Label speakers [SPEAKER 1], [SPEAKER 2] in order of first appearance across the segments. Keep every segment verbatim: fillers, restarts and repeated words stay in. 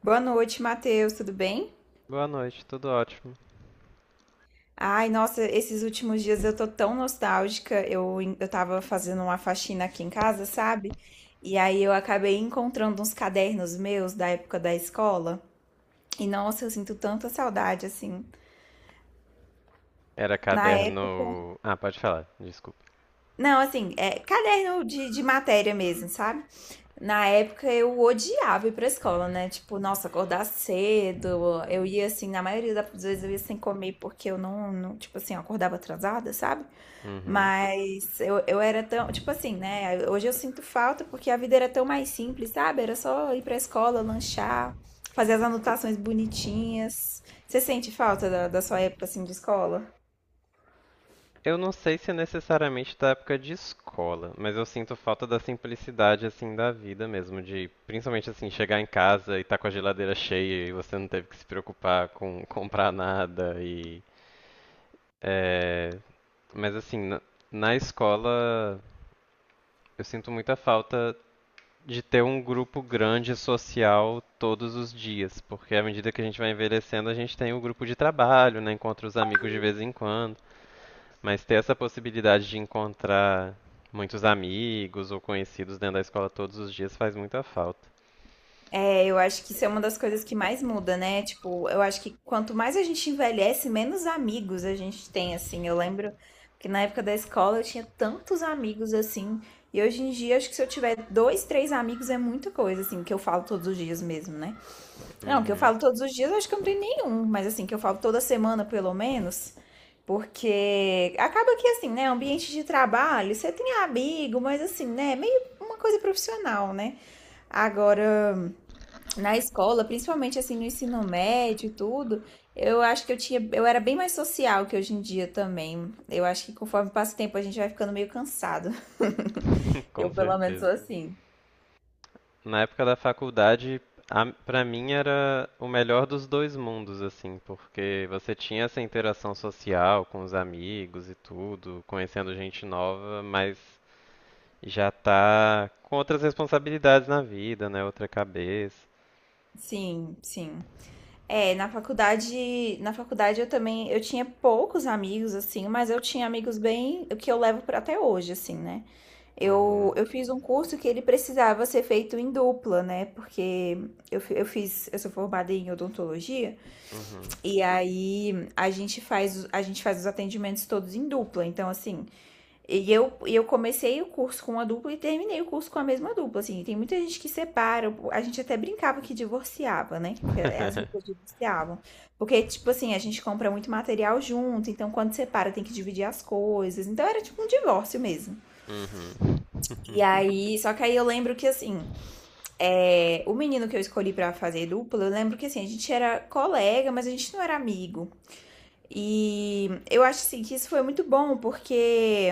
[SPEAKER 1] Boa noite, Matheus, tudo bem?
[SPEAKER 2] Boa noite, tudo ótimo.
[SPEAKER 1] Ai, nossa, esses últimos dias eu tô tão nostálgica. Eu, eu tava fazendo uma faxina aqui em casa, sabe? E aí eu acabei encontrando uns cadernos meus da época da escola. E nossa, eu sinto tanta saudade, assim.
[SPEAKER 2] Era
[SPEAKER 1] Na época.
[SPEAKER 2] caderno. Ah, pode falar, desculpa.
[SPEAKER 1] Não, assim, é caderno de, de matéria mesmo, sabe? Na época eu odiava ir pra escola, né? Tipo, nossa, acordar cedo. Eu ia assim, na maioria das vezes eu ia sem comer porque eu não, não, tipo assim, eu acordava atrasada, sabe?
[SPEAKER 2] Uhum.
[SPEAKER 1] Mas eu, eu era tão, tipo assim, né? Hoje eu sinto falta porque a vida era tão mais simples, sabe? Era só ir pra escola, lanchar, fazer as anotações bonitinhas. Você sente falta da, da sua época, assim, de escola?
[SPEAKER 2] Eu não sei se é necessariamente da época de escola, mas eu sinto falta da simplicidade assim da vida mesmo, de principalmente assim chegar em casa e tá com a geladeira cheia e você não teve que se preocupar com comprar nada e é... mas assim na, na escola eu sinto muita falta de ter um grupo grande social todos os dias, porque à medida que a gente vai envelhecendo, a gente tem o grupo de trabalho, né, encontra os amigos de vez em quando, mas ter essa possibilidade de encontrar muitos amigos ou conhecidos dentro da escola todos os dias faz muita falta.
[SPEAKER 1] É, eu acho que isso é uma das coisas que mais muda, né? Tipo, eu acho que quanto mais a gente envelhece, menos amigos a gente tem, assim. Eu lembro que na época da escola eu tinha tantos amigos, assim. E hoje em dia, acho que se eu tiver dois, três amigos é muita coisa, assim, que eu falo todos os dias mesmo, né? Não, que eu
[SPEAKER 2] Uhum.
[SPEAKER 1] falo todos os dias, eu acho que eu não tenho nenhum, mas assim, que eu falo toda semana pelo menos, porque acaba que assim, né, ambiente de trabalho, você tem amigo, mas assim, né, é meio uma coisa profissional, né? Agora, na escola, principalmente assim no ensino médio e tudo, eu acho que eu tinha, eu era bem mais social que hoje em dia também. Eu acho que conforme passa o tempo a gente vai ficando meio cansado.
[SPEAKER 2] Com
[SPEAKER 1] Eu pelo menos sou
[SPEAKER 2] certeza.
[SPEAKER 1] assim.
[SPEAKER 2] Na época da faculdade, a- pra mim era o melhor dos dois mundos, assim, porque você tinha essa interação social com os amigos e tudo, conhecendo gente nova, mas já tá com outras responsabilidades na vida, né? Outra cabeça.
[SPEAKER 1] Sim, sim. É, na faculdade, na faculdade eu também, eu tinha poucos amigos assim, mas eu tinha amigos bem, o que eu levo para até hoje assim, né? Eu,
[SPEAKER 2] Uhum,
[SPEAKER 1] eu fiz um curso que ele precisava ser feito em dupla, né? Porque eu, fi- eu fiz, eu sou formada em odontologia,
[SPEAKER 2] uhum.
[SPEAKER 1] e aí a gente faz, a gente faz os atendimentos todos em dupla. Então, assim, e eu, e eu comecei o curso com uma dupla e terminei o curso com a mesma dupla, assim. Tem muita gente que separa, a gente até brincava que divorciava, né? Que as duplas divorciavam. Porque, tipo assim, a gente compra muito material junto, então quando separa tem que dividir as coisas. Então era tipo um divórcio mesmo.
[SPEAKER 2] Uhum.
[SPEAKER 1] E aí, só que aí eu lembro que, assim, é, o menino que eu escolhi pra fazer dupla, eu lembro que, assim, a gente era colega, mas a gente não era amigo. E eu acho assim, que isso foi muito bom, porque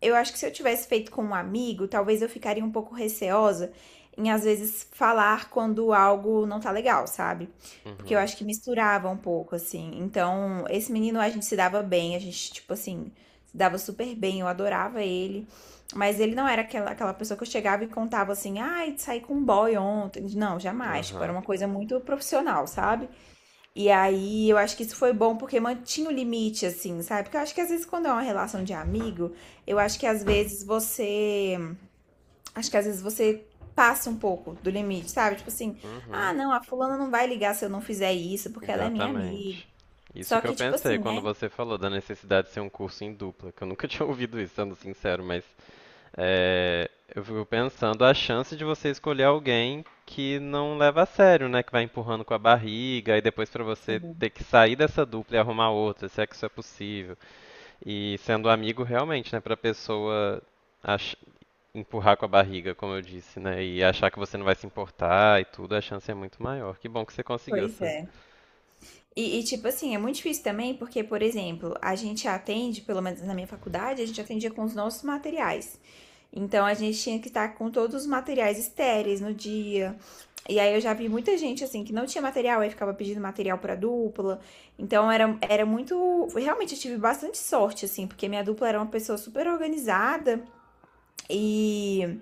[SPEAKER 1] eu acho que se eu tivesse feito com um amigo, talvez eu ficaria um pouco receosa em às vezes falar quando algo não tá legal, sabe? Porque eu
[SPEAKER 2] Uhum.
[SPEAKER 1] acho que misturava um pouco, assim. Então, esse menino a gente se dava bem, a gente, tipo assim, se dava super bem, eu adorava ele. Mas ele não era aquela, aquela pessoa que eu chegava e contava assim, ai, saí com um boy ontem. Não, jamais. Tipo, era
[SPEAKER 2] Aham.
[SPEAKER 1] uma coisa muito profissional, sabe? E aí, eu acho que isso foi bom porque mantinha o limite, assim, sabe? Porque eu acho que às vezes quando é uma relação de amigo, eu acho que às vezes você. acho que às vezes você passa um pouco do limite, sabe? Tipo assim,
[SPEAKER 2] Uhum.
[SPEAKER 1] ah, não, a fulana não vai ligar se eu não fizer isso, porque ela é minha amiga.
[SPEAKER 2] Exatamente. Isso
[SPEAKER 1] Só
[SPEAKER 2] que eu
[SPEAKER 1] que, tipo
[SPEAKER 2] pensei
[SPEAKER 1] assim,
[SPEAKER 2] quando
[SPEAKER 1] né?
[SPEAKER 2] você falou da necessidade de ser um curso em dupla, que eu nunca tinha ouvido isso, sendo sincero, mas é, eu fico pensando a chance de você escolher alguém que não leva a sério, né? Que vai empurrando com a barriga e depois pra você
[SPEAKER 1] Sim,
[SPEAKER 2] ter que sair dessa dupla e arrumar outra, se é que isso é possível. E sendo amigo realmente, né, pra pessoa ach- empurrar com a barriga, como eu disse, né, e achar que você não vai se importar e tudo, a chance é muito maior. Que bom que você conseguiu
[SPEAKER 1] pois
[SPEAKER 2] essa.
[SPEAKER 1] é. E, e, tipo assim, é muito difícil também, porque, por exemplo, a gente atende, pelo menos na minha faculdade, a gente atendia com os nossos materiais. Então a gente tinha que estar com todos os materiais estéreis no dia. E aí eu já vi muita gente assim que não tinha material, aí ficava pedindo material pra dupla. Então era, era muito. Realmente eu tive bastante sorte, assim, porque minha dupla era uma pessoa super organizada e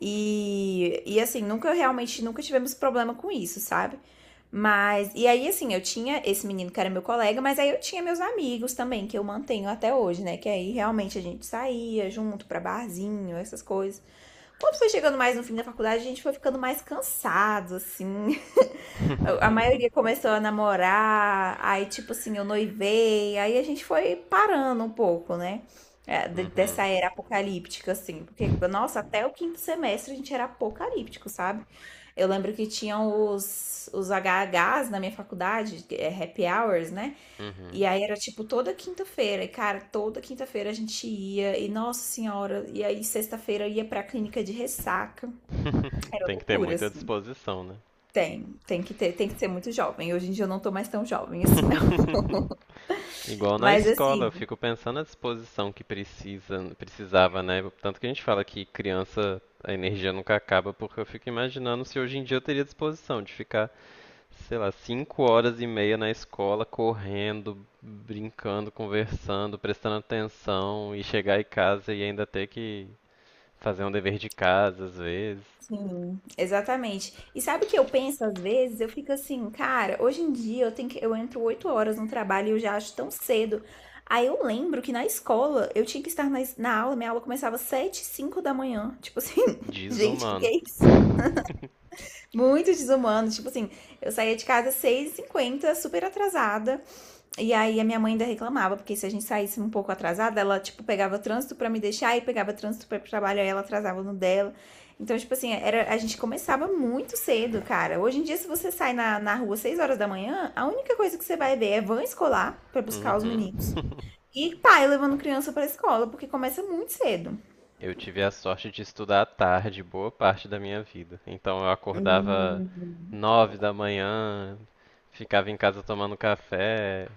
[SPEAKER 1] e, e assim, nunca realmente, nunca tivemos problema com isso, sabe? Mas, e aí, assim, eu tinha esse menino que era meu colega, mas aí eu tinha meus amigos também, que eu mantenho até hoje, né? Que aí realmente a gente saía junto pra barzinho, essas coisas. Quando foi chegando mais no fim da faculdade, a gente foi ficando mais cansado, assim. A maioria começou a namorar, aí tipo assim, eu noivei, aí a gente foi parando um pouco, né? É, de-
[SPEAKER 2] Uhum.
[SPEAKER 1] dessa era apocalíptica, assim. Porque, nossa, até o quinto semestre a gente era apocalíptico, sabe? Eu lembro que tinham os, os H H s na minha faculdade, que é happy hours, né? E
[SPEAKER 2] Uhum.
[SPEAKER 1] aí era tipo toda quinta-feira, e cara, toda quinta-feira a gente ia, e nossa senhora, e aí sexta-feira eu ia pra clínica de ressaca. Era
[SPEAKER 2] Tem que ter
[SPEAKER 1] loucura,
[SPEAKER 2] muita
[SPEAKER 1] assim.
[SPEAKER 2] disposição, né?
[SPEAKER 1] Tem, tem que ter, tem que ser muito jovem. Hoje em dia eu não tô mais tão jovem assim, não.
[SPEAKER 2] Igual na
[SPEAKER 1] Mas
[SPEAKER 2] escola,
[SPEAKER 1] assim,
[SPEAKER 2] eu fico pensando na disposição que precisa, precisava, né? Tanto que a gente fala que criança, a energia nunca acaba, porque eu fico imaginando se hoje em dia eu teria disposição de ficar sei lá, cinco horas e meia na escola, correndo, brincando, conversando, prestando atenção e chegar em casa e ainda ter que fazer um dever de casa às vezes.
[SPEAKER 1] sim, exatamente. E sabe o que eu penso às vezes? Eu fico assim, cara, hoje em dia eu tenho que, eu entro oito horas no trabalho e eu já acho tão cedo. Aí eu lembro que na escola eu tinha que estar na, es- na aula, minha aula começava sete cinco da manhã. Tipo assim, gente, o que que
[SPEAKER 2] Desumano.
[SPEAKER 1] é isso? Muito desumano. Tipo assim, eu saía de casa seis 6 h super atrasada. E aí a minha mãe ainda reclamava, porque se a gente saísse um pouco atrasada, ela, tipo, pegava trânsito pra me deixar e pegava trânsito pra ir pro trabalho, aí ela atrasava no dela. Então, tipo assim, era, a gente começava muito cedo, cara. Hoje em dia, se você sai na, na rua seis horas da manhã, a única coisa que você vai ver é van escolar pra buscar os
[SPEAKER 2] Uhum.
[SPEAKER 1] meninos. E pai levando criança pra escola, porque começa muito cedo.
[SPEAKER 2] Eu tive a sorte de estudar à tarde boa parte da minha vida. Então eu acordava
[SPEAKER 1] Hum.
[SPEAKER 2] nove da manhã, ficava em casa tomando café,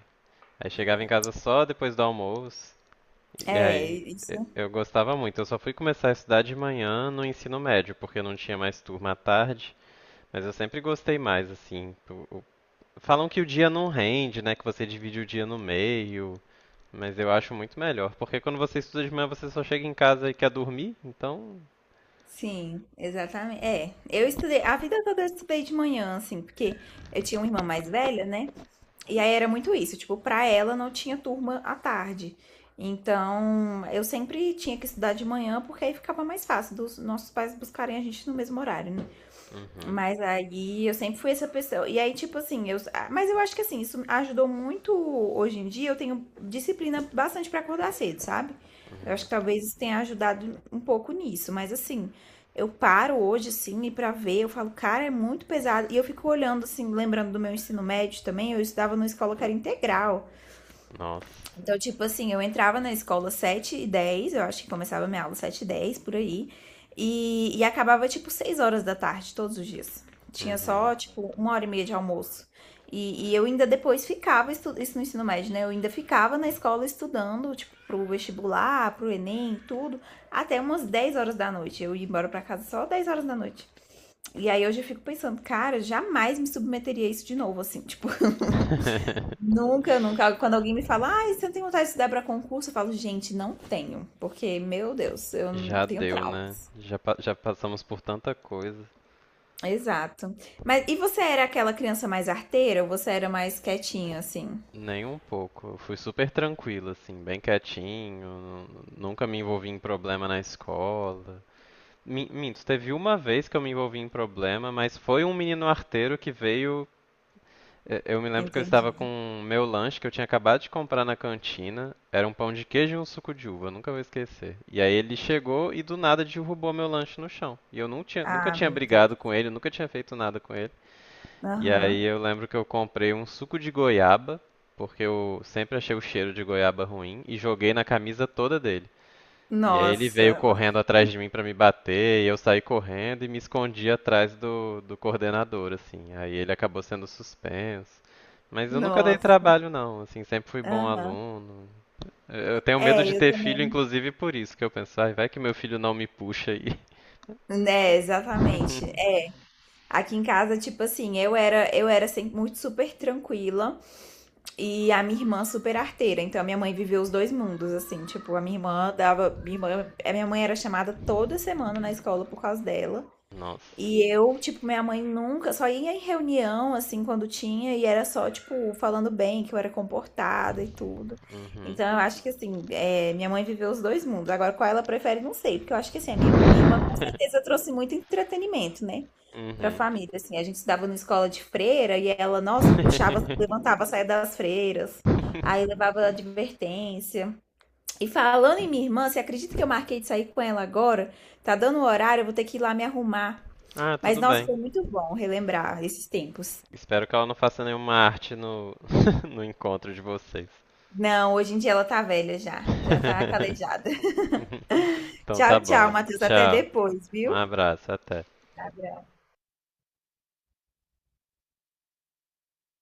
[SPEAKER 2] aí chegava em casa só depois do almoço. E
[SPEAKER 1] É,
[SPEAKER 2] aí, e-
[SPEAKER 1] isso.
[SPEAKER 2] eu gostava muito. Eu só fui começar a estudar de manhã no ensino médio, porque eu não tinha mais turma à tarde, mas eu sempre gostei mais, assim. o- o- Falam que o dia não rende, né? Que você divide o dia no meio, mas eu acho muito melhor, porque quando você estuda de manhã, você só chega em casa e quer dormir, então.
[SPEAKER 1] Sim, exatamente. É, eu estudei, a vida toda eu estudei de manhã, assim, porque eu tinha uma irmã mais velha, né? E aí era muito isso, tipo, pra ela não tinha turma à tarde. Então, eu sempre tinha que estudar de manhã, porque aí ficava mais fácil dos nossos pais buscarem a gente no mesmo horário, né?
[SPEAKER 2] Uhum,
[SPEAKER 1] Mas aí eu sempre fui essa pessoa. E aí, tipo assim, eu. ah, Mas eu acho que assim, isso ajudou muito hoje em dia. Eu tenho disciplina bastante pra acordar cedo, sabe? Eu acho
[SPEAKER 2] uhum.
[SPEAKER 1] que talvez isso tenha ajudado um pouco nisso. Mas assim, eu paro hoje, assim, e pra ver, eu falo, cara, é muito pesado. E eu fico olhando, assim, lembrando do meu ensino médio também, eu estudava numa escola que era integral.
[SPEAKER 2] Nossa.
[SPEAKER 1] Então, tipo assim, eu entrava na escola sete e dez, eu acho que começava minha aula sete e dez por aí, e, e acabava, tipo, seis horas da tarde, todos os dias. Tinha
[SPEAKER 2] Uhum.
[SPEAKER 1] só, tipo, uma hora e meia de almoço. E, e eu ainda depois ficava, estu- isso no ensino médio, né? Eu ainda ficava na escola estudando, tipo, pro vestibular, pro Enem, tudo, até umas dez horas da noite. Eu ia embora pra casa só dez horas da noite. E aí hoje eu fico pensando, cara, jamais me submeteria a isso de novo, assim, tipo, Nunca, nunca. Quando alguém me fala, ah você não tem vontade de estudar para concurso? Eu falo, gente, não tenho, porque, meu Deus, eu não-
[SPEAKER 2] Já
[SPEAKER 1] tenho
[SPEAKER 2] deu, né?
[SPEAKER 1] traumas.
[SPEAKER 2] Já, pa- já passamos por tanta coisa.
[SPEAKER 1] Exato. Mas e você era aquela criança mais arteira ou você era mais quietinha, assim?
[SPEAKER 2] Nem um pouco. Eu fui super tranquilo, assim, bem quietinho, nu- nunca me envolvi em problema na escola. Mi- Minto, teve uma vez que eu me envolvi em problema, mas foi um menino arteiro que veio. eh, Eu me lembro que eu
[SPEAKER 1] Entendi.
[SPEAKER 2] estava com o meu lanche que eu tinha acabado de comprar na cantina. Era um pão de queijo e um suco de uva, eu nunca vou esquecer. E aí ele chegou e do nada derrubou meu lanche no chão. E eu não tinha, nunca
[SPEAKER 1] Ah,
[SPEAKER 2] tinha
[SPEAKER 1] meu Deus.
[SPEAKER 2] brigado com ele, nunca tinha feito nada com ele. E aí
[SPEAKER 1] Aham.
[SPEAKER 2] eu lembro que eu comprei um suco de goiaba, porque eu sempre achei o cheiro de goiaba ruim, e joguei na camisa toda dele. E aí ele veio
[SPEAKER 1] Nossa,
[SPEAKER 2] correndo atrás de mim pra me bater, e eu saí correndo e me escondi atrás do, do coordenador, assim. Aí ele acabou sendo suspenso. Mas eu nunca dei
[SPEAKER 1] nossa.
[SPEAKER 2] trabalho não, assim, sempre fui bom
[SPEAKER 1] Aham.
[SPEAKER 2] aluno. Eu eu tenho medo de
[SPEAKER 1] É, eu
[SPEAKER 2] ter filho,
[SPEAKER 1] também.
[SPEAKER 2] inclusive por isso que eu penso, ai, vai que meu filho não me puxa aí.
[SPEAKER 1] É, exatamente. É. Aqui em casa, tipo assim, eu era, eu era sempre muito super tranquila. E a minha irmã super arteira. Então a minha mãe viveu os dois mundos, assim. Tipo, a minha irmã dava. Minha irmã, a minha mãe era chamada toda semana na escola por causa dela.
[SPEAKER 2] Nossa.
[SPEAKER 1] E eu, tipo, minha mãe nunca, só ia em reunião, assim, quando tinha, e era só, tipo, falando bem, que eu era comportada e tudo.
[SPEAKER 2] Uhum.
[SPEAKER 1] Então, eu acho que, assim, é, minha mãe viveu os dois mundos. Agora, qual ela prefere, não sei, porque eu acho que, assim, a minha, minha irmã com certeza trouxe muito entretenimento, né, pra
[SPEAKER 2] Uhum.
[SPEAKER 1] família. Assim, a gente estudava na escola de freira e ela, nossa, puxava, levantava a saia das freiras, aí levava advertência. E falando em minha irmã, você acredita que eu marquei de sair com ela agora? Tá dando o horário, eu vou ter que ir lá me arrumar.
[SPEAKER 2] Ah,
[SPEAKER 1] Mas,
[SPEAKER 2] tudo
[SPEAKER 1] nossa,
[SPEAKER 2] bem.
[SPEAKER 1] foi muito bom relembrar esses tempos.
[SPEAKER 2] Espero que ela não faça nenhuma arte no, no encontro de vocês.
[SPEAKER 1] Não, hoje em dia ela tá velha já. Já tá calejada.
[SPEAKER 2] Então tá
[SPEAKER 1] Tchau, tchau,
[SPEAKER 2] bom.
[SPEAKER 1] Matheus. Até
[SPEAKER 2] Tchau.
[SPEAKER 1] depois,
[SPEAKER 2] Um
[SPEAKER 1] viu?
[SPEAKER 2] abraço, até.
[SPEAKER 1] Abraço.